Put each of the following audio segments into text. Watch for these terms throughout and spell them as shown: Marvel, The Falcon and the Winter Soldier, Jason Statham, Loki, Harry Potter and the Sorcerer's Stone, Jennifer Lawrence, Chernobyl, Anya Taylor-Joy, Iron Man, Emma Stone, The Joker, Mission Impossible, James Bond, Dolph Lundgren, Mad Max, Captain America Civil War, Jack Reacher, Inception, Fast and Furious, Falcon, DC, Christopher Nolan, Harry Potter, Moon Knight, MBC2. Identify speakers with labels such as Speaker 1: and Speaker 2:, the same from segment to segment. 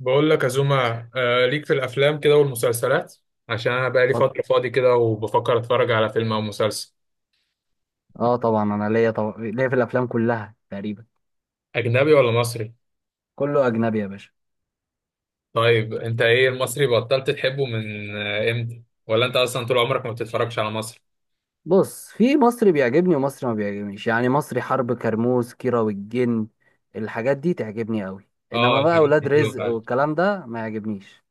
Speaker 1: بقول لك يا زوما، ليك في الافلام كده والمسلسلات. عشان انا بقالي
Speaker 2: طب-
Speaker 1: فتره فاضي كده وبفكر اتفرج على فيلم او مسلسل،
Speaker 2: اه، طبعا انا ليا، طبعا ليا في الافلام كلها تقريبا.
Speaker 1: اجنبي ولا مصري؟
Speaker 2: كله اجنبي يا باشا.
Speaker 1: طيب انت ايه المصري بطلت تحبه من امتى، ولا انت اصلا طول عمرك ما بتتفرجش على مصر؟
Speaker 2: بص، في مصري بيعجبني ومصري ما بيعجبنيش، يعني مصري حرب، كرموز، كيرة والجن، الحاجات دي تعجبني قوي،
Speaker 1: اه،
Speaker 2: انما بقى
Speaker 1: الحاجات
Speaker 2: اولاد
Speaker 1: دي حلوه
Speaker 2: رزق
Speaker 1: فعلا.
Speaker 2: والكلام ده ما يعجبنيش.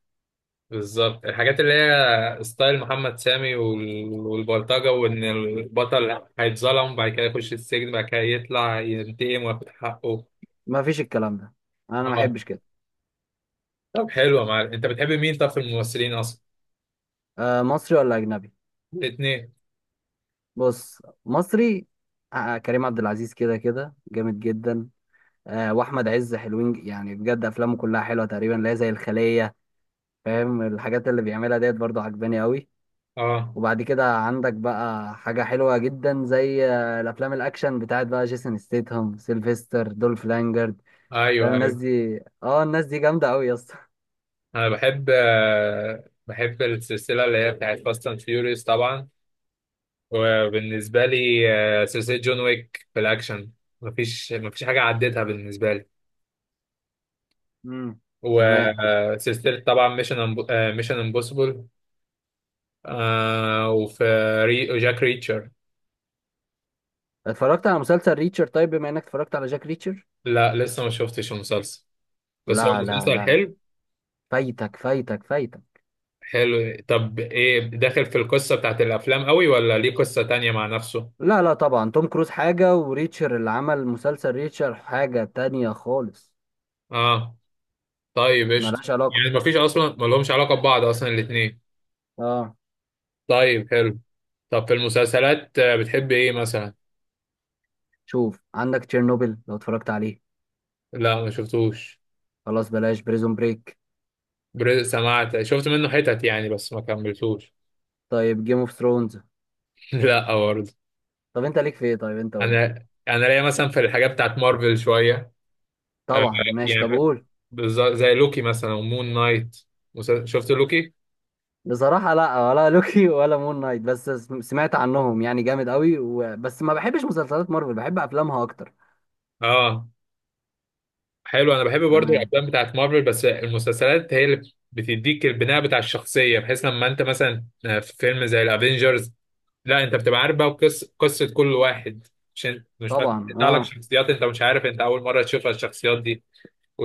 Speaker 1: بالظبط الحاجات اللي هي ستايل محمد سامي والبلطجه، وان البطل هيتظلم بعد كده يخش السجن بعد كده يطلع ينتقم وياخد حقه.
Speaker 2: ما فيش الكلام ده، انا ما
Speaker 1: اه.
Speaker 2: احبش كده.
Speaker 1: طب حلو يا معلم، انت بتحب مين طب في الممثلين اصلا؟
Speaker 2: آه، مصري ولا اجنبي؟
Speaker 1: الاثنين.
Speaker 2: بص، مصري. كريم عبد العزيز كده كده جامد جدا. واحمد عز حلوين، يعني بجد افلامه كلها حلوه تقريبا، لا زي الخليه، فاهم، الحاجات اللي بيعملها ديت برضو عجباني قوي.
Speaker 1: اه.
Speaker 2: وبعد كده عندك بقى حاجة حلوة جدا زي الأفلام الأكشن بتاعت بقى جيسون ستيتهم، سيلفستر، دولف لانجرد. فاهم
Speaker 1: ايوه
Speaker 2: الناس
Speaker 1: ايوه.
Speaker 2: دي اه الناس دي جامدة أوي يا اسطى.
Speaker 1: انا بحب بحب السلسله اللي هي بتاعت فاست اند فيوريوس طبعا. وبالنسبه لي، سلسله جون ويك في الاكشن، مفيش حاجه عديتها بالنسبه لي.
Speaker 2: امم تمام.
Speaker 1: وسلسله طبعا ميشن، ميشن امبوسيبل. وفي جاك ريتشر.
Speaker 2: اتفرجت على مسلسل ريتشر؟ طيب، بما إنك اتفرجت على جاك ريتشر.
Speaker 1: لا لسه ما شفتش المسلسل، بس هو
Speaker 2: لا لا
Speaker 1: مسلسل
Speaker 2: لا،
Speaker 1: حلو.
Speaker 2: فايتك فايتك فايتك.
Speaker 1: حلو. طب ايه، داخل في القصه بتاعت الافلام قوي ولا ليه قصه تانية مع نفسه؟
Speaker 2: لا لا، طبعا توم كروز حاجة وريتشر اللي عمل مسلسل ريتشر حاجة تانية خالص.
Speaker 1: اه. طيب قشطة.
Speaker 2: ملهاش علاقة.
Speaker 1: يعني مفيش أصلا، ملهمش علاقة ببعض أصلا الاتنين.
Speaker 2: اه.
Speaker 1: طيب حلو. طب في المسلسلات بتحب إيه مثلا؟
Speaker 2: شوف عندك تشيرنوبل، لو اتفرجت عليه.
Speaker 1: لا ما شفتوش.
Speaker 2: خلاص، بلاش. بريزون بريك؟
Speaker 1: سمعت، شفت منه حتت يعني بس ما كملتوش.
Speaker 2: طيب، جيم اوف ثرونز؟
Speaker 1: لا برضه.
Speaker 2: طب انت ليك في ايه؟ طيب انت قول لي.
Speaker 1: أنا ليا مثلا في الحاجات بتاعت مارفل شوية. آه،
Speaker 2: طبعا ماشي،
Speaker 1: يعني
Speaker 2: طب
Speaker 1: في-
Speaker 2: قول.
Speaker 1: زي لوكي مثلا ومون نايت. شفت لوكي؟
Speaker 2: بصراحة لا، ولا لوكي ولا مون نايت، بس سمعت عنهم، يعني جامد قوي، بس ما بحبش مسلسلات مارفل، بحب افلامها اكتر.
Speaker 1: آه. حلو، أنا بحب برضه
Speaker 2: تمام.
Speaker 1: الأفلام بتاعت مارفل، بس المسلسلات هي اللي بتديك البناء بتاع الشخصية، بحيث لما أنت مثلا في فيلم زي الأفينجرز، لا انت بتبقى عارف بقى قصه كل واحد. مش مش
Speaker 2: طبعا،
Speaker 1: بتطلع لك
Speaker 2: اه.
Speaker 1: شخصيات انت مش عارف، انت اول مره تشوفها الشخصيات دي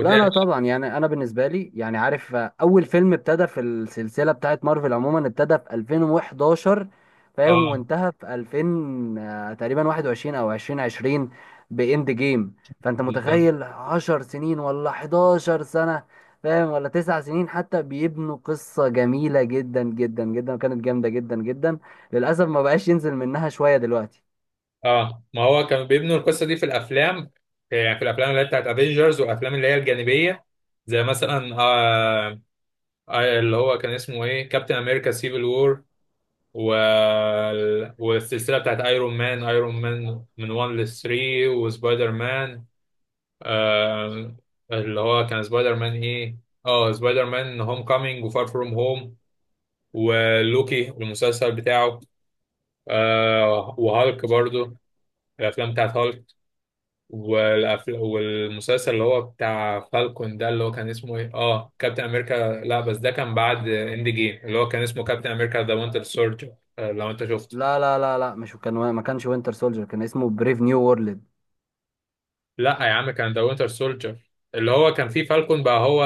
Speaker 2: لا لا طبعا، يعني انا بالنسبه لي يعني عارف، اول فيلم ابتدى في السلسله بتاعت مارفل عموما ابتدى في 2011، فاهم،
Speaker 1: اه
Speaker 2: وانتهى في 2000 تقريبا 21 او 2020، باند جيم. فانت
Speaker 1: بالظبط.
Speaker 2: متخيل 10 سنين ولا 11 سنه، فاهم، ولا 9 سنين حتى، بيبنوا قصه جميله جدا جدا جدا، وكانت جامده جدا جدا. للاسف ما بقاش ينزل منها شويه دلوقتي.
Speaker 1: اه، ما هو كانوا بيبنوا القصه دي في الافلام، يعني في الافلام اللي هي بتاعت افنجرز والافلام اللي هي الجانبيه، زي مثلا اللي هو كان اسمه ايه، كابتن امريكا سيفل وور، و... والسلسله بتاعت ايرون مان من 1 ل 3، وسبايدر مان. آه، اللي هو كان سبايدر مان ايه؟ اه سبايدر مان هوم كامينج وفار فروم هوم. ولوكي المسلسل بتاعه. آه وهالك برضو، الافلام بتاعت هالك. والمسلسل اللي هو بتاع فالكون ده، اللي هو كان اسمه ايه، اه كابتن امريكا، لا بس ده كان بعد اند جيم، اللي هو كان اسمه كابتن امريكا ذا وينتر سولجر، لو انت شفته.
Speaker 2: لا لا لا لا، مش كان ما كانش وينتر سولجر، كان اسمه بريف نيو،
Speaker 1: لا يا عم كان ذا وينتر سولجر، اللي هو كان فيه فالكون بقى هو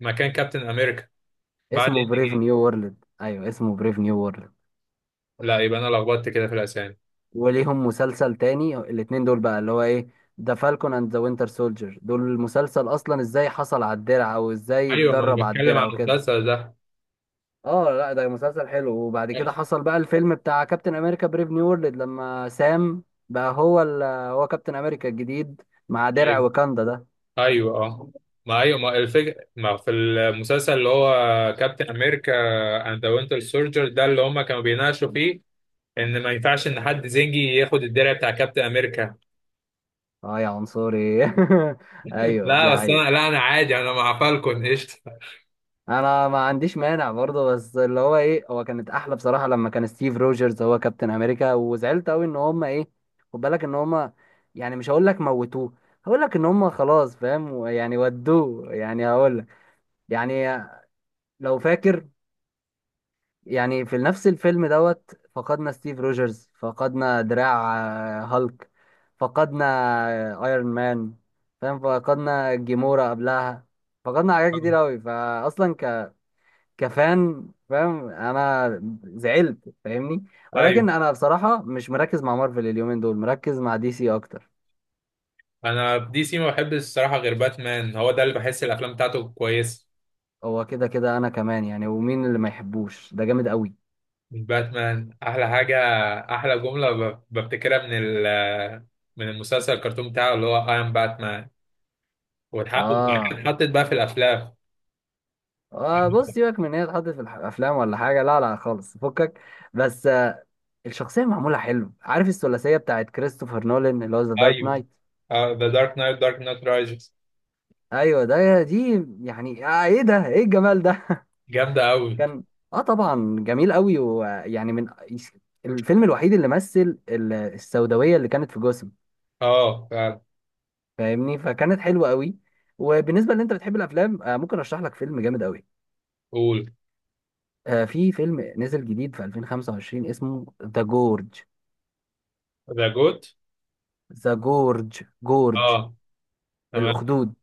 Speaker 1: مكان كابتن امريكا بعد
Speaker 2: اسمه
Speaker 1: اند
Speaker 2: بريف
Speaker 1: جيم.
Speaker 2: نيو وورلد. ايوه، اسمه بريف نيو وورلد.
Speaker 1: لا، يبقى انا لخبطت كده في الاسامي.
Speaker 2: وليهم مسلسل تاني الاتنين دول بقى، اللي هو ايه، ذا فالكون اند ذا وينتر سولجر. دول المسلسل اصلا ازاي حصل على الدرع، او ازاي
Speaker 1: ايوه ما انا
Speaker 2: اتدرب على
Speaker 1: بتكلم
Speaker 2: الدرع
Speaker 1: عن
Speaker 2: وكده.
Speaker 1: المسلسل ده.
Speaker 2: اه، لا ده مسلسل حلو. وبعد كده حصل بقى الفيلم بتاع كابتن امريكا بريف نيو وورلد لما سام بقى هو كابتن امريكا الجديد، مع درع
Speaker 1: ايوه
Speaker 2: وكاندا ده.
Speaker 1: ايوه اه. ما ايوه، ما الفكره ما في المسلسل اللي هو كابتن امريكا اند ذا وينتر سولجر ده، اللي هم كانوا بيناقشوا فيه ان ما ينفعش ان حد زنجي ياخد الدرع بتاع كابتن امريكا.
Speaker 2: اه يا عنصري. ايوه، دي
Speaker 1: لا بس انا
Speaker 2: حقيقة.
Speaker 1: لا انا عادي، انا مع فالكون قشطه.
Speaker 2: انا ما عنديش مانع برضه، بس اللي هو ايه، هو كانت احلى بصراحه لما كان ستيف روجرز هو كابتن امريكا. وزعلت قوي ان هم ايه، خد بالك ان هم، يعني مش هقول لك موتوه، هقول لك ان هم خلاص، فاهم يعني، ودوه، يعني هقول لك يعني، لو فاكر، يعني في نفس الفيلم دوت فقدنا ستيف روجرز، فقدنا دراع، هالك، فقدنا ايرون مان، فاهم، فقدنا جيمورا قبلها، فقدنا حاجات كتير قوي فاصلا. كفان، فاهم، انا زعلت، فاهمني.
Speaker 1: ايوه.
Speaker 2: ولكن انا بصراحة مش مركز مع مارفل اليومين دول، مركز مع دي سي اكتر.
Speaker 1: انا دي سي ما بحبش الصراحه، غير باتمان، هو ده اللي بحس الافلام بتاعته كويسه.
Speaker 2: هو كده كده انا كمان، يعني ومين اللي ما يحبوش، ده جامد قوي.
Speaker 1: من باتمان احلى حاجه، احلى جمله بفتكرها من المسلسل الكرتون بتاعه اللي هو اي ام باتمان والحق، وبعد كده
Speaker 2: اه،
Speaker 1: اتحطت بقى في الافلام.
Speaker 2: بص، سيبك من ان هي اتحطت في الافلام ولا حاجة، لا لا خالص، فكك. بس، الشخصية معمولة حلو، عارف الثلاثية بتاعت كريستوفر نولان اللي هو ذا دارك
Speaker 1: ايوه
Speaker 2: نايت.
Speaker 1: ذا دارك نايت، دارك نايت رايزز،
Speaker 2: ايوه، ده دي يعني ايه ده، ايه الجمال ده،
Speaker 1: جامده قوي.
Speaker 2: كان، اه طبعا جميل قوي. ويعني من الفيلم الوحيد اللي مثل السوداويه اللي كانت في جسم،
Speaker 1: اه فعلا.
Speaker 2: فاهمني، فكانت حلوه قوي. وبالنسبه اللي انت بتحب الافلام، ممكن ارشح لك فيلم جامد قوي.
Speaker 1: قول.
Speaker 2: في فيلم نزل جديد في 2025، اسمه ذا جورج،
Speaker 1: ذا جوت.
Speaker 2: ذا جورج، جورج
Speaker 1: اه تمام.
Speaker 2: الاخدود.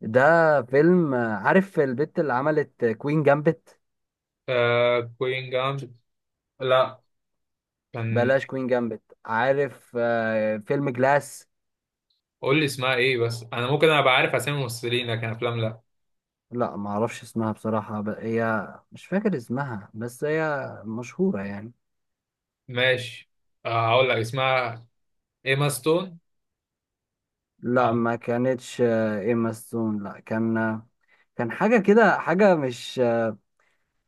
Speaker 2: ده فيلم، عارف البت اللي عملت كوين جامبت؟
Speaker 1: آه كوين جامد، لا كان.
Speaker 2: بلاش كوين جامبت، عارف فيلم جلاس؟
Speaker 1: قول لي اسمها ايه بس، انا ممكن ابقى عارف اسامي الممثلين لكن افلام لا.
Speaker 2: لا ما اعرفش اسمها بصراحة، هي مش فاكر اسمها، بس هي مشهورة يعني.
Speaker 1: ماشي. آه هقول لك اسمها، ايما ستون.
Speaker 2: لا،
Speaker 1: اه
Speaker 2: ما كانتش ايما ستون، لا، كان كان حاجة كده، حاجة مش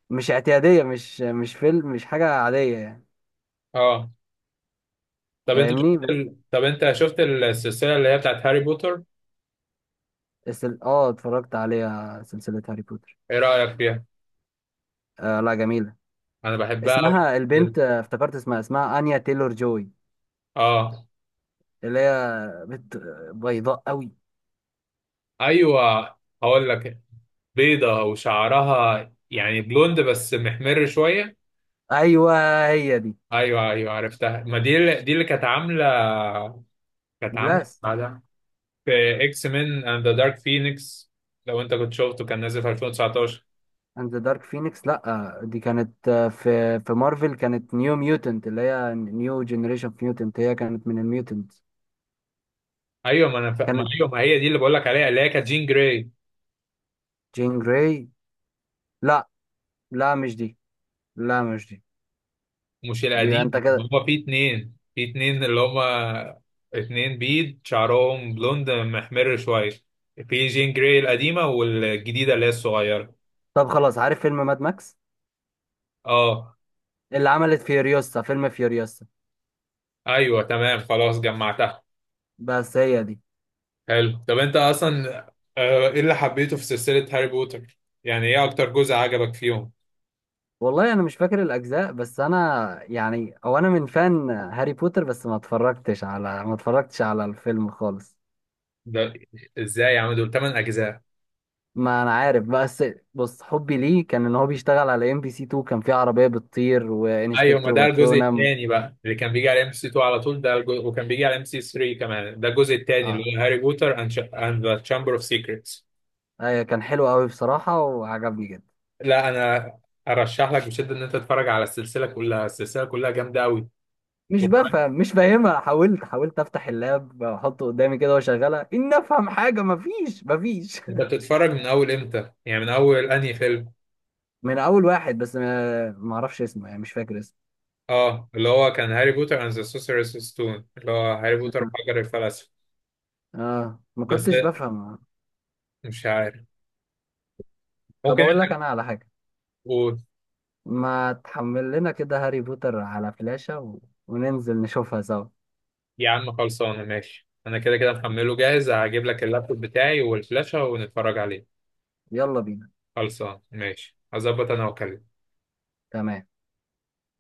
Speaker 2: مش اعتيادية، مش مش فيلم، مش حاجة عادية يعني.
Speaker 1: اه. طب انت
Speaker 2: فاهمني،
Speaker 1: شفت
Speaker 2: بس.
Speaker 1: طب انت شفت السلسله اللي هي بتاعت هاري بوتر؟
Speaker 2: بس اه، اتفرجت عليها سلسلة هاري بوتر.
Speaker 1: ايه رايك فيها؟
Speaker 2: لا جميلة.
Speaker 1: انا بحبها قوي.
Speaker 2: اسمها البنت، افتكرت اسمها انيا تيلور جوي،
Speaker 1: اه.
Speaker 2: اللي هي بنت بيضاء قوي.
Speaker 1: ايوه هقول لك، بيضه وشعرها يعني بلوند بس محمر شويه.
Speaker 2: ايوه، هي دي.
Speaker 1: ايوه ايوه عرفتها، ما دي دي اللي كانت عامله، كانت عامله
Speaker 2: جلاس.
Speaker 1: بعدها في اكس مين اند ذا دارك فينيكس، لو انت كنت شفته كان نازل في 2019.
Speaker 2: اند ذا دارك فينيكس، لا دي كانت في مارفل كانت نيو ميوتنت، اللي هي نيو جنريشن ميوتنت، هي كانت من الميوتنت.
Speaker 1: ايوه ما انا ما
Speaker 2: كانت
Speaker 1: ايوه، ما هي دي اللي بقول لك عليها اللي هي كانت جين جراي.
Speaker 2: جين جراي، لا لا مش دي، لا مش دي.
Speaker 1: مش
Speaker 2: يبقى
Speaker 1: القديم،
Speaker 2: انت كده.
Speaker 1: هما في اتنين، في اتنين اللي هما اتنين بيض شعرهم بلوند محمر شوية، في جين جراي القديمة والجديدة اللي هي الصغيرة.
Speaker 2: طب خلاص، عارف فيلم ماد ماكس
Speaker 1: اه
Speaker 2: اللي عملت فيوريوسا، فيلم فيوريوسا؟
Speaker 1: ايوه تمام خلاص جمعتها.
Speaker 2: بس هي دي.
Speaker 1: حلو. طب انت اصلا ايه اللي حبيته في سلسلة هاري بوتر؟ يعني ايه اكتر جزء عجبك فيهم؟
Speaker 2: والله انا مش فاكر الاجزاء، بس انا يعني، او انا من فان هاري بوتر، بس ما اتفرجتش على الفيلم خالص.
Speaker 1: ده ازاي يا عم، دول 8 اجزاء.
Speaker 2: ما انا عارف، بس بص، حبي ليه كان ان هو بيشتغل على ام بي سي 2، كان في عربيه بتطير
Speaker 1: ايوه، ما
Speaker 2: وانسبكتور
Speaker 1: ده الجزء
Speaker 2: باترونم.
Speaker 1: الثاني بقى اللي كان بيجي على ام سي 2 على طول، ده الجزء وكان بيجي على ام سي 3 كمان، ده الجزء الثاني
Speaker 2: اه.
Speaker 1: اللي هو هاري بوتر اند ذا تشامبر اوف سيكريتس.
Speaker 2: ايوه، كان حلو قوي بصراحه وعجبني جدا.
Speaker 1: لا انا ارشح لك بشده ان انت تتفرج على السلسله كلها، السلسله كلها جامده قوي.
Speaker 2: مش
Speaker 1: وكمان
Speaker 2: بفهم، مش فاهمها، حاولت افتح اللاب واحطه قدامي كده واشغلها ان افهم حاجه، مفيش، مفيش.
Speaker 1: انت بتتفرج من اول امتى، يعني من اول انهي فيلم؟
Speaker 2: من اول واحد، بس ما اعرفش اسمه، يعني مش فاكر اسمه.
Speaker 1: اه، اللي هو كان هاري بوتر اند ذا سوسيرس ستون، اللي هو هاري بوتر
Speaker 2: اه.
Speaker 1: وحجر الفلسفه.
Speaker 2: ما
Speaker 1: بس
Speaker 2: كنتش بفهم.
Speaker 1: مش عارف.
Speaker 2: طب اقول لك انا على حاجه،
Speaker 1: ممكن.
Speaker 2: ما تحمل لنا كده هاري بوتر على فلاشة وننزل نشوفها سوا.
Speaker 1: يا عم خلصانه ماشي، انا كده كده محمله جاهز، هجيب لك اللابتوب بتاعي والفلاشة ونتفرج عليه.
Speaker 2: يلا بينا.
Speaker 1: خلصان ماشي، هظبط انا واكلمك.
Speaker 2: تمام.